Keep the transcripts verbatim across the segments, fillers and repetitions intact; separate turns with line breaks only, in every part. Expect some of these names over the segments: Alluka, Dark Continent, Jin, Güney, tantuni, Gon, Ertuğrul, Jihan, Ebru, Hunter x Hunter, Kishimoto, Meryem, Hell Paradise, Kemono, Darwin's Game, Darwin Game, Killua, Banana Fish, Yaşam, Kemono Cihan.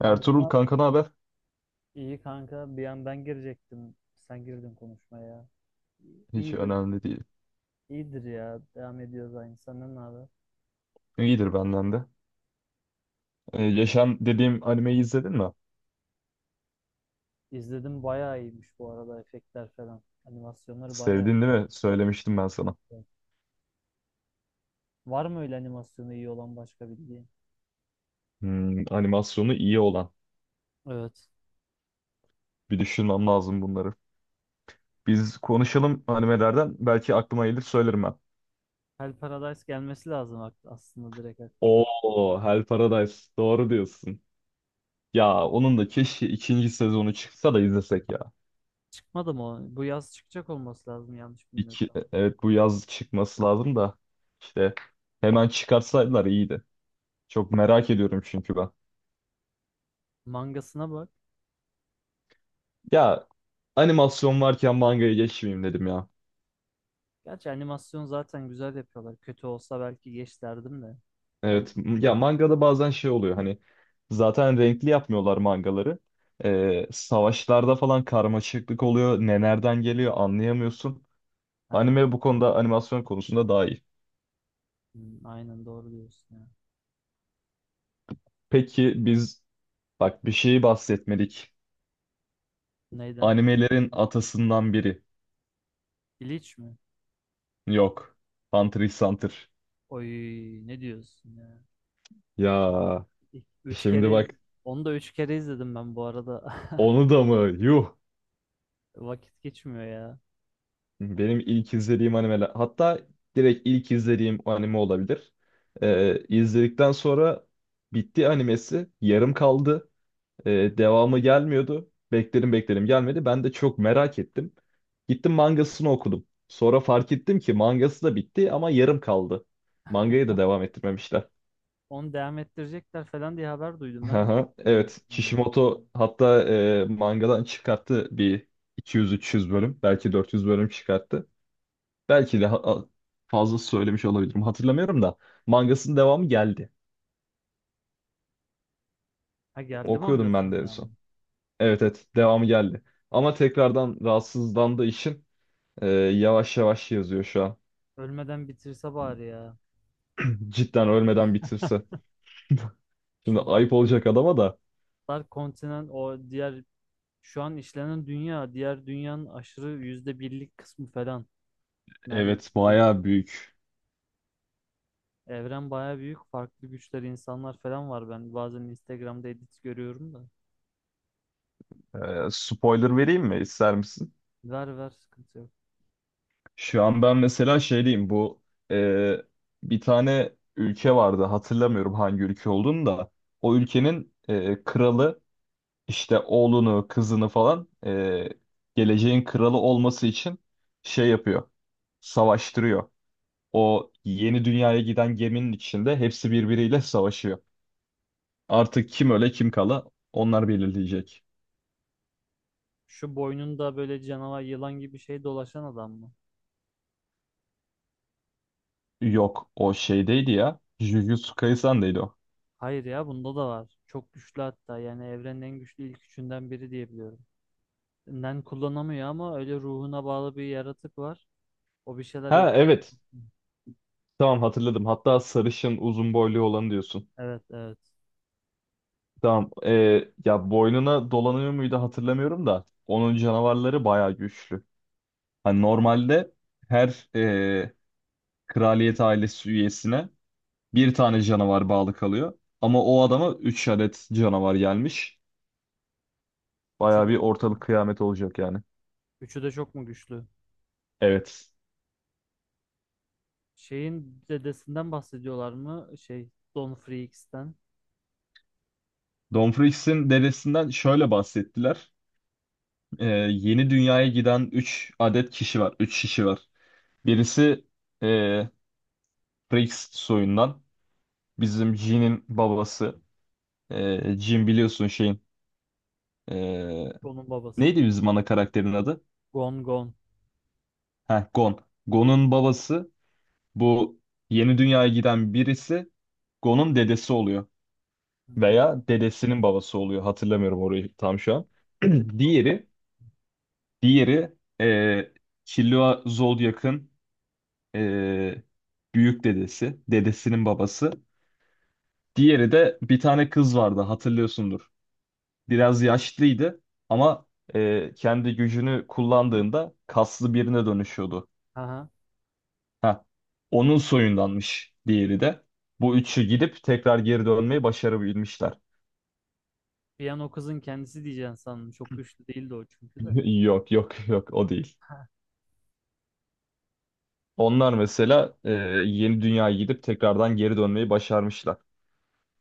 Ertuğrul kanka, ne haber?
iyi kanka bir an ben girecektim. Sen girdin konuşmaya.
Hiç
İyidir,
önemli değil.
iyidir ya. Devam ediyoruz aynı. Senden ne haber?
İyidir benden de. Ee, Yaşam dediğim animeyi izledin mi?
İzledim, bayağı iyiymiş bu arada efektler falan. Animasyonları bayağı
Sevdin değil mi? Söylemiştim ben sana.
iyi. Var mı öyle animasyonu iyi olan başka bildiğin?
Hmm, animasyonu iyi olan.
Evet.
Bir düşünmem lazım bunları. Biz konuşalım animelerden. Belki aklıma gelir söylerim ben.
Hell Paradise gelmesi lazım ak- aslında, direkt aklına.
Oo, Hell Paradise. Doğru diyorsun. Ya onun da keşke ikinci sezonu çıksa da izlesek ya.
Çıkmadı mı o? Bu yaz çıkacak olması lazım yanlış
İki,
bilmiyorsam.
e, evet, bu yaz çıkması lazım da. İşte hemen çıkarsaydılar iyiydi. Çok merak ediyorum çünkü ben.
Mangasına bak.
Ya animasyon varken mangaya geçmeyeyim dedim ya.
Gerçi animasyon zaten güzel yapıyorlar. Kötü olsa belki geç derdim de. Hani.
Evet, m- ya mangada bazen şey oluyor, hani zaten renkli yapmıyorlar mangaları. Ee, savaşlarda falan karmaşıklık oluyor. Ne nereden geliyor anlayamıyorsun. Anime bu konuda, animasyon konusunda daha iyi.
Hmm, aynen, doğru diyorsun ya.
Peki biz, bak, bir şeyi bahsetmedik.
Neyden?
Animelerin atasından biri.
İliç mi?
Yok. Hunter x Hunter.
Oy, ne diyorsun ya?
Ya,
İlk- Üç
şimdi
kere iz-
bak,
Onu da üç kere izledim ben bu arada.
onu da mı? Yuh.
Vakit geçmiyor ya.
Benim ilk izlediğim animeler, hatta direkt ilk izlediğim anime olabilir. Ee, izledikten sonra bitti, animesi yarım kaldı. Ee, devamı gelmiyordu. Bekledim bekledim, gelmedi. Ben de çok merak ettim. Gittim mangasını okudum. Sonra fark ettim ki mangası da bitti ama yarım kaldı. Mangayı da devam ettirmemişler.
Onu devam ettirecekler falan diye haber duydum ben de.
Aha,
Tabii.
evet, Kishimoto hatta e, mangadan çıkarttı bir iki yüz üç yüz bölüm, belki dört yüz bölüm çıkarttı. Belki de ha- fazla söylemiş olabilirim. Hatırlamıyorum da mangasının devamı geldi.
Ha, geldi mi
Okuyordum ben
Angas'ın
de en son.
devamı?
Evet, evet, devamı geldi. Ama tekrardan rahatsızlandığı için e, yavaş yavaş yazıyor şu an.
Ölmeden bitirse bari ya.
Cidden ölmeden bitirse. Şimdi
Şu Dark,
ayıp olacak adama da.
Dark Continent, o diğer şu an işlenen dünya, diğer dünyanın aşırı yüzde birlik kısmı falan
Evet,
neredeyse.
bayağı büyük.
Evren baya büyük. Farklı güçler, insanlar falan var. Ben bazen Instagram'da edit görüyorum da.
E, Spoiler vereyim mi, ister misin?
Ver ver, sıkıntı yok.
Şu an ben mesela şey diyeyim, bu e, bir tane ülke vardı, hatırlamıyorum hangi ülke olduğunu da. O ülkenin e, kralı işte oğlunu, kızını falan, e, geleceğin kralı olması için şey yapıyor. Savaştırıyor. O yeni dünyaya giden geminin içinde hepsi birbiriyle savaşıyor. Artık kim öle kim kala, onlar belirleyecek.
Şu boynunda böyle canavar, yılan gibi şey dolaşan adam mı?
Yok, o şeydeydi ya. Jujutsu Kaisen'deydi o.
Hayır ya, bunda da var. Çok güçlü hatta, yani evrenin en güçlü ilk üçünden biri diye biliyorum. Nen kullanamıyor ama öyle ruhuna bağlı bir yaratık var. O bir şeyler yap.
Ha, evet. Tamam, hatırladım. Hatta sarışın uzun boylu olanı diyorsun.
Evet evet.
Tamam. E, ya boynuna dolanıyor muydu hatırlamıyorum da. Onun canavarları bayağı güçlü. Hani normalde her e, kraliyet ailesi üyesine bir tane canavar bağlı kalıyor. Ama o adama üç adet canavar gelmiş.
Üçü
Bayağı
de,
bir ortalık kıyamet olacak yani.
üçü de çok mu güçlü?
Evet.
Şeyin dedesinden bahsediyorlar mı? Şey, Don Freaks'ten.
Domfrix'in dedesinden şöyle bahsettiler. Ee, Yeni dünyaya giden üç adet kişi var. Üç kişi var. Birisi ee, Frix soyundan. Bizim Jin'in babası. Ee, Jin biliyorsun şeyin. ee,
Gon'un babası.
Neydi bizim ana karakterin adı?
Gon Gon.
Heh, Gon. Gon'un babası bu. Yeni dünyaya giden birisi, Gon'un dedesi oluyor.
Evet.
Veya dedesinin babası oluyor. Hatırlamıyorum orayı tam şu an.
Dedesi oldu.
Diğeri, diğeri eee Killua Zodiac'ın eee, büyük dedesi, dedesinin babası. Diğeri de bir tane kız vardı, hatırlıyorsundur. Biraz yaşlıydı ama eee, kendi gücünü kullandığında kaslı birine dönüşüyordu.
Aha.
Ha, onun soyundanmış diğeri de. Bu üçü gidip tekrar geri dönmeyi başarabilmişler.
Bir an o kızın kendisi diyeceğim sandım. Çok güçlü değildi o çünkü de.
Yok, yok, yok, o değil.
Ha.
Onlar mesela e, yeni dünyaya gidip tekrardan geri dönmeyi başarmışlar.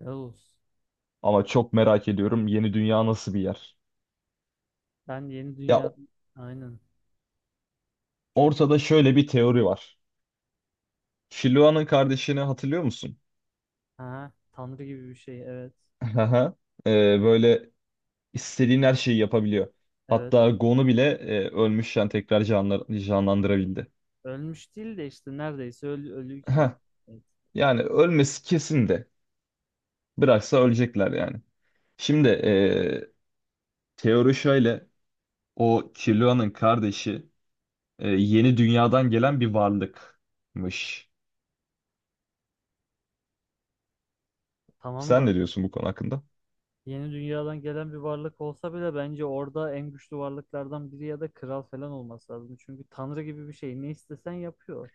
Helal olsun.
Ama çok merak ediyorum, yeni dünya nasıl bir yer?
Ben yeni
Ya
dünya... Aynen. Çok.
ortada şöyle bir teori var. Filoa'nın kardeşini hatırlıyor musun?
Ha. Tanrı gibi bir şey. Evet.
Haha. E, böyle istediğin her şeyi yapabiliyor.
Evet.
Hatta Gon'u bile e, ölmüşken tekrar canla- canlandırabildi.
Ölmüş değil de işte neredeyse ölü,
Heh,
ölüyken. Evet.
yani ölmesi kesin de. Bıraksa ölecekler yani. Şimdi e, teori şöyle. O Killua'nın kardeşi e, yeni dünyadan gelen bir varlıkmış.
Tamam
Sen
da
ne diyorsun bu konu hakkında?
yeni dünyadan gelen bir varlık olsa bile bence orada en güçlü varlıklardan biri ya da kral falan olması lazım. Çünkü Tanrı gibi bir şey. Ne istesen yapıyor.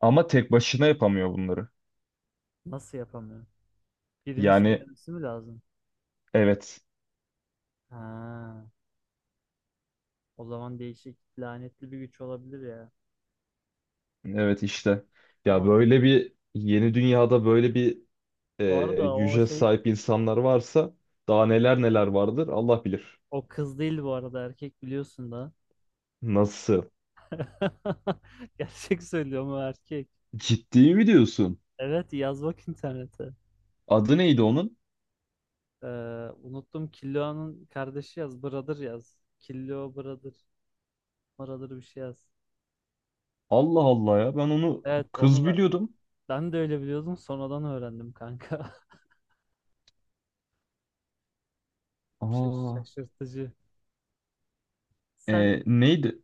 Ama tek başına yapamıyor bunları.
Nasıl yapamıyor? Birini
Yani
söylemesi mi lazım?
evet,
Ha. O zaman değişik lanetli bir güç olabilir ya.
evet, işte. Ya
Ama
böyle bir yeni dünyada böyle bir
bu
e,
arada o
güce
şey,
sahip insanlar varsa daha neler neler vardır, Allah bilir.
o kız değil bu arada, erkek biliyorsun da.
Nasıl?
Gerçek söylüyorum, o erkek.
Ciddi mi diyorsun?
Evet, yaz bak internete.
Adı neydi onun?
Ee, unuttum, Killua'nın kardeşi yaz. Brother yaz. Killua Brother. Brother bir şey yaz.
Allah Allah ya, ben onu
Evet onu
kız
ben,
biliyordum.
ben de öyle biliyordum. Sonradan öğrendim kanka. Şaş-
Aa,
Şaşırtıcı. Sen
e, neydi?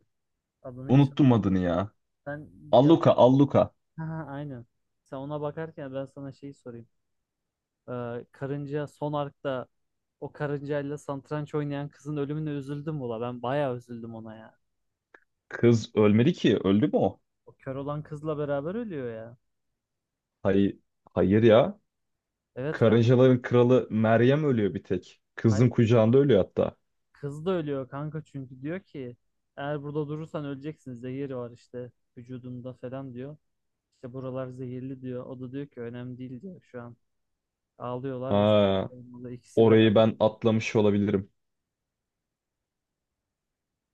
adını hiç
Unuttum adını ya.
sen bir yaz.
Alluka, Alluka.
aynen. Sen ona bakarken ben sana şeyi sorayım. Ee, karınca son arkta, o karıncayla satranç oynayan kızın ölümüne üzüldüm ula. Ben bayağı üzüldüm ona ya.
Kız ölmedi ki. Öldü mü o?
O kör olan kızla beraber ölüyor ya.
Hayır, hayır ya.
Evet kanka.
Karıncaların kralı Meryem ölüyor bir tek. Kızın
Hayır,
kucağında ölüyor hatta.
kız da ölüyor kanka, çünkü diyor ki eğer burada durursan öleceksin, zehir var işte vücudunda falan diyor. İşte buralar zehirli diyor. O da diyor ki önemli değil diyor şu an. Ağlıyorlar ve
Ha,
sarılmalı. İkisi
orayı
beraber
ben
ölüyor,
atlamış
kanka.
olabilirim.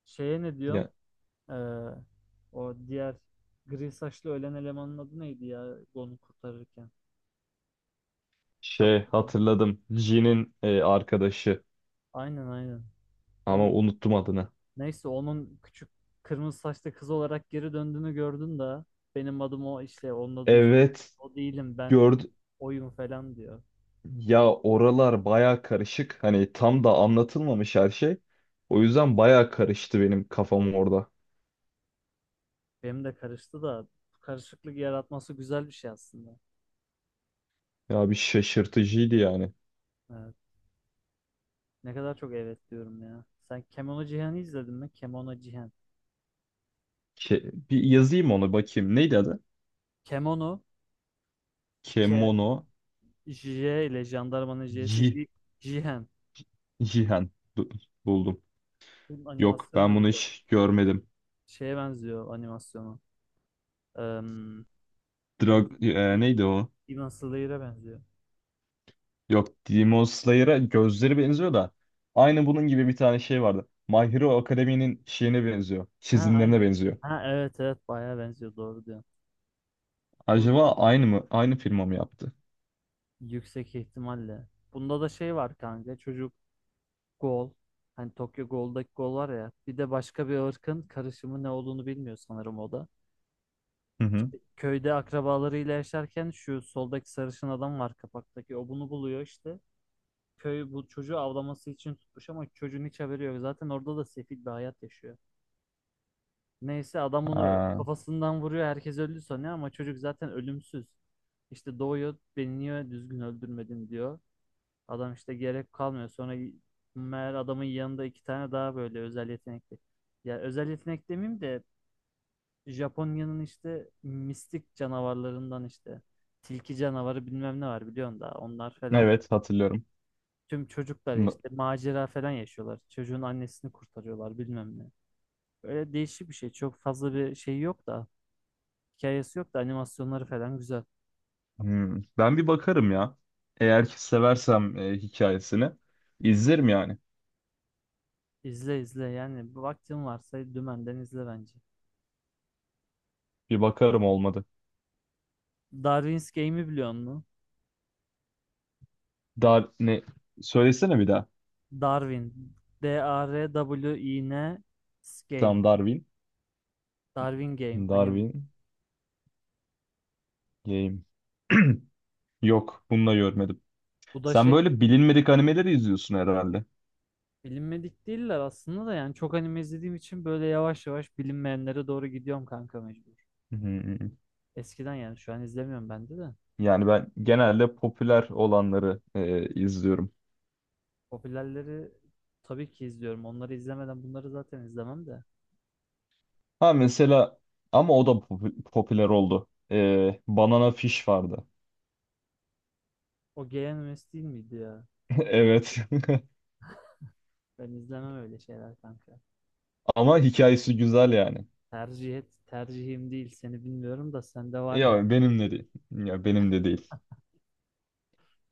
Şeye ne diyorum?
Ya,
Ee, o diğer gri saçlı ölen elemanın adı neydi ya, onu kurtarırken
şey,
şapkalı.
hatırladım. Jin'in e, arkadaşı,
Aynen aynen.
ama
On,
unuttum adını.
neyse, onun küçük kırmızı saçlı kız olarak geri döndüğünü gördün de, benim adım o işte, onun adını
Evet,
o değilim ben,
gördü.
oyum falan diyor.
Ya oralar baya karışık. Hani tam da anlatılmamış her şey. O yüzden baya karıştı benim kafam orada.
Benim de karıştı da, bu karışıklık yaratması güzel bir şey aslında.
Ya bir şaşırtıcıydı yani.
Evet. Ne kadar çok evet diyorum ya. Sen Kemono Cihan'ı izledin mi? Kemono Cihan.
Ke- bir yazayım onu bakayım. Neydi adı?
Kemono K,
Kemono.
J ile jandarmanın J'si J, Jihen.
Jihan. Bu- Buldum.
Bunun
Yok,
animasyonu da
ben bunu
güzel.
hiç görmedim.
Şeye benziyor animasyonu. Um,
Drag e, neydi o?
Demon Slayer'e benziyor.
Yok, Demon Slayer'a gözleri benziyor da aynı bunun gibi bir tane şey vardı. My Hero Academy'nin şeyine benziyor.
Ha aynı.
Çizimlerine benziyor.
Ha, evet evet, bayağı benziyor, doğru diyorsun. Burada
Acaba aynı mı? Aynı firma mı yaptı?
yüksek ihtimalle. Bunda da şey var kanka, çocuk gol. Hani Tokyo Ghoul'daki gol var ya. Bir de başka bir ırkın karışımı ne olduğunu bilmiyor sanırım o da.
Hı hı.
Köyde akrabalarıyla yaşarken şu soldaki sarışın adam var kapaktaki. O bunu buluyor işte. Köy bu çocuğu avlaması için tutmuş ama çocuğun hiç haberi yok. Zaten orada da sefil bir hayat yaşıyor. Neyse adam bunu
Ha,
kafasından vuruyor. Herkes öldü sanıyor ama çocuk zaten ölümsüz. İşte doğuyor, beni niye düzgün öldürmedin diyor. Adam işte gerek kalmıyor. Sonra meğer adamın yanında iki tane daha böyle özel yetenekli. Ya özel yetenek demeyeyim de Japonya'nın işte mistik canavarlarından, işte tilki canavarı bilmem ne var biliyorsun da, onlar falan.
evet hatırlıyorum.
Tüm çocuklar
N-
işte macera falan yaşıyorlar. Çocuğun annesini kurtarıyorlar bilmem ne. Böyle değişik bir şey. Çok fazla bir şey yok da. Hikayesi yok da animasyonları falan güzel.
Hmm, Ben bir bakarım ya. Eğer ki seversem e, hikayesini izlerim yani.
İzle izle yani. Bir vaktin varsa dümenden izle bence.
Bir bakarım, olmadı.
Darwin's Game'i biliyor musun?
Dar ne, söylesene bir daha.
Darwin. D A R W I N Game.
Tam Darwin.
Darwin Game. Anime.
Darwin Game. Yok, bunu da görmedim.
Bu da
Sen
şey,
böyle bilinmedik animeleri izliyorsun herhalde.
bilinmedik değiller aslında da, yani çok anime izlediğim için böyle yavaş yavaş bilinmeyenlere doğru gidiyorum kanka, mecbur.
Hmm.
Eskiden, yani şu an izlemiyorum ben de de.
Yani ben genelde popüler olanları e, izliyorum.
Popülerleri tabii ki izliyorum. Onları izlemeden bunları zaten izlemem de.
Ha mesela, ama o da popu- popüler oldu. E, Banana Fish vardı.
O G N M S değil miydi ya?
Evet.
Ben izlemem öyle şeyler kanka.
Ama hikayesi güzel yani.
Tercih et, tercihim değil. Seni bilmiyorum da sende var galiba.
Ya benim de değil. Ya benim de değil.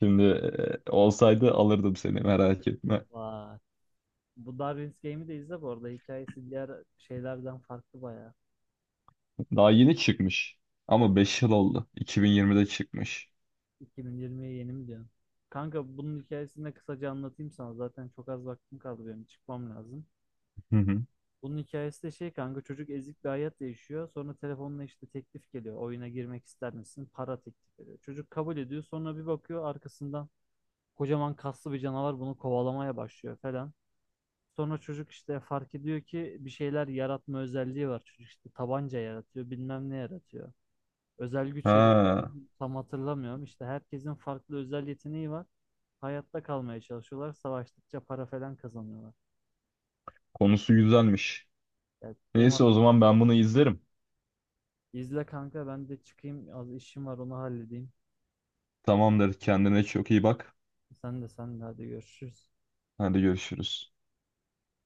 Şimdi e, olsaydı alırdım, seni merak etme.
Vay. Bu Darwin's Game'i de izle bu arada. Hikayesi diğer şeylerden farklı bayağı.
Daha yeni çıkmış. Ama beş yıl oldu. iki bin yirmide çıkmış.
iki bin yirmiye yeni mi diyorsun? Kanka bunun hikayesini de kısaca anlatayım sana. Zaten çok az vaktim kaldı benim. Çıkmam lazım.
Hı hı.
Bunun hikayesi de şey kanka, çocuk ezik bir hayat yaşıyor. Sonra telefonla işte teklif geliyor. Oyuna girmek ister misin? Para teklif ediyor. Çocuk kabul ediyor. Sonra bir bakıyor arkasından kocaman kaslı bir canavar bunu kovalamaya başlıyor falan. Sonra çocuk işte fark ediyor ki bir şeyler yaratma özelliği var. Çocuk işte tabanca yaratıyor, bilmem ne yaratıyor. Özel güç yaratıyor.
Ha,
Tam hatırlamıyorum. İşte herkesin farklı özel yeteneği var. Hayatta kalmaya çalışıyorlar. Savaştıkça para falan kazanıyorlar.
konusu güzelmiş.
Yani benim
Neyse, o zaman
hatırladığım
ben bunu izlerim.
İzle kanka, ben de çıkayım, az işim var onu halledeyim.
Tamamdır. Kendine çok iyi bak.
Sen de sen de hadi görüşürüz.
Hadi görüşürüz.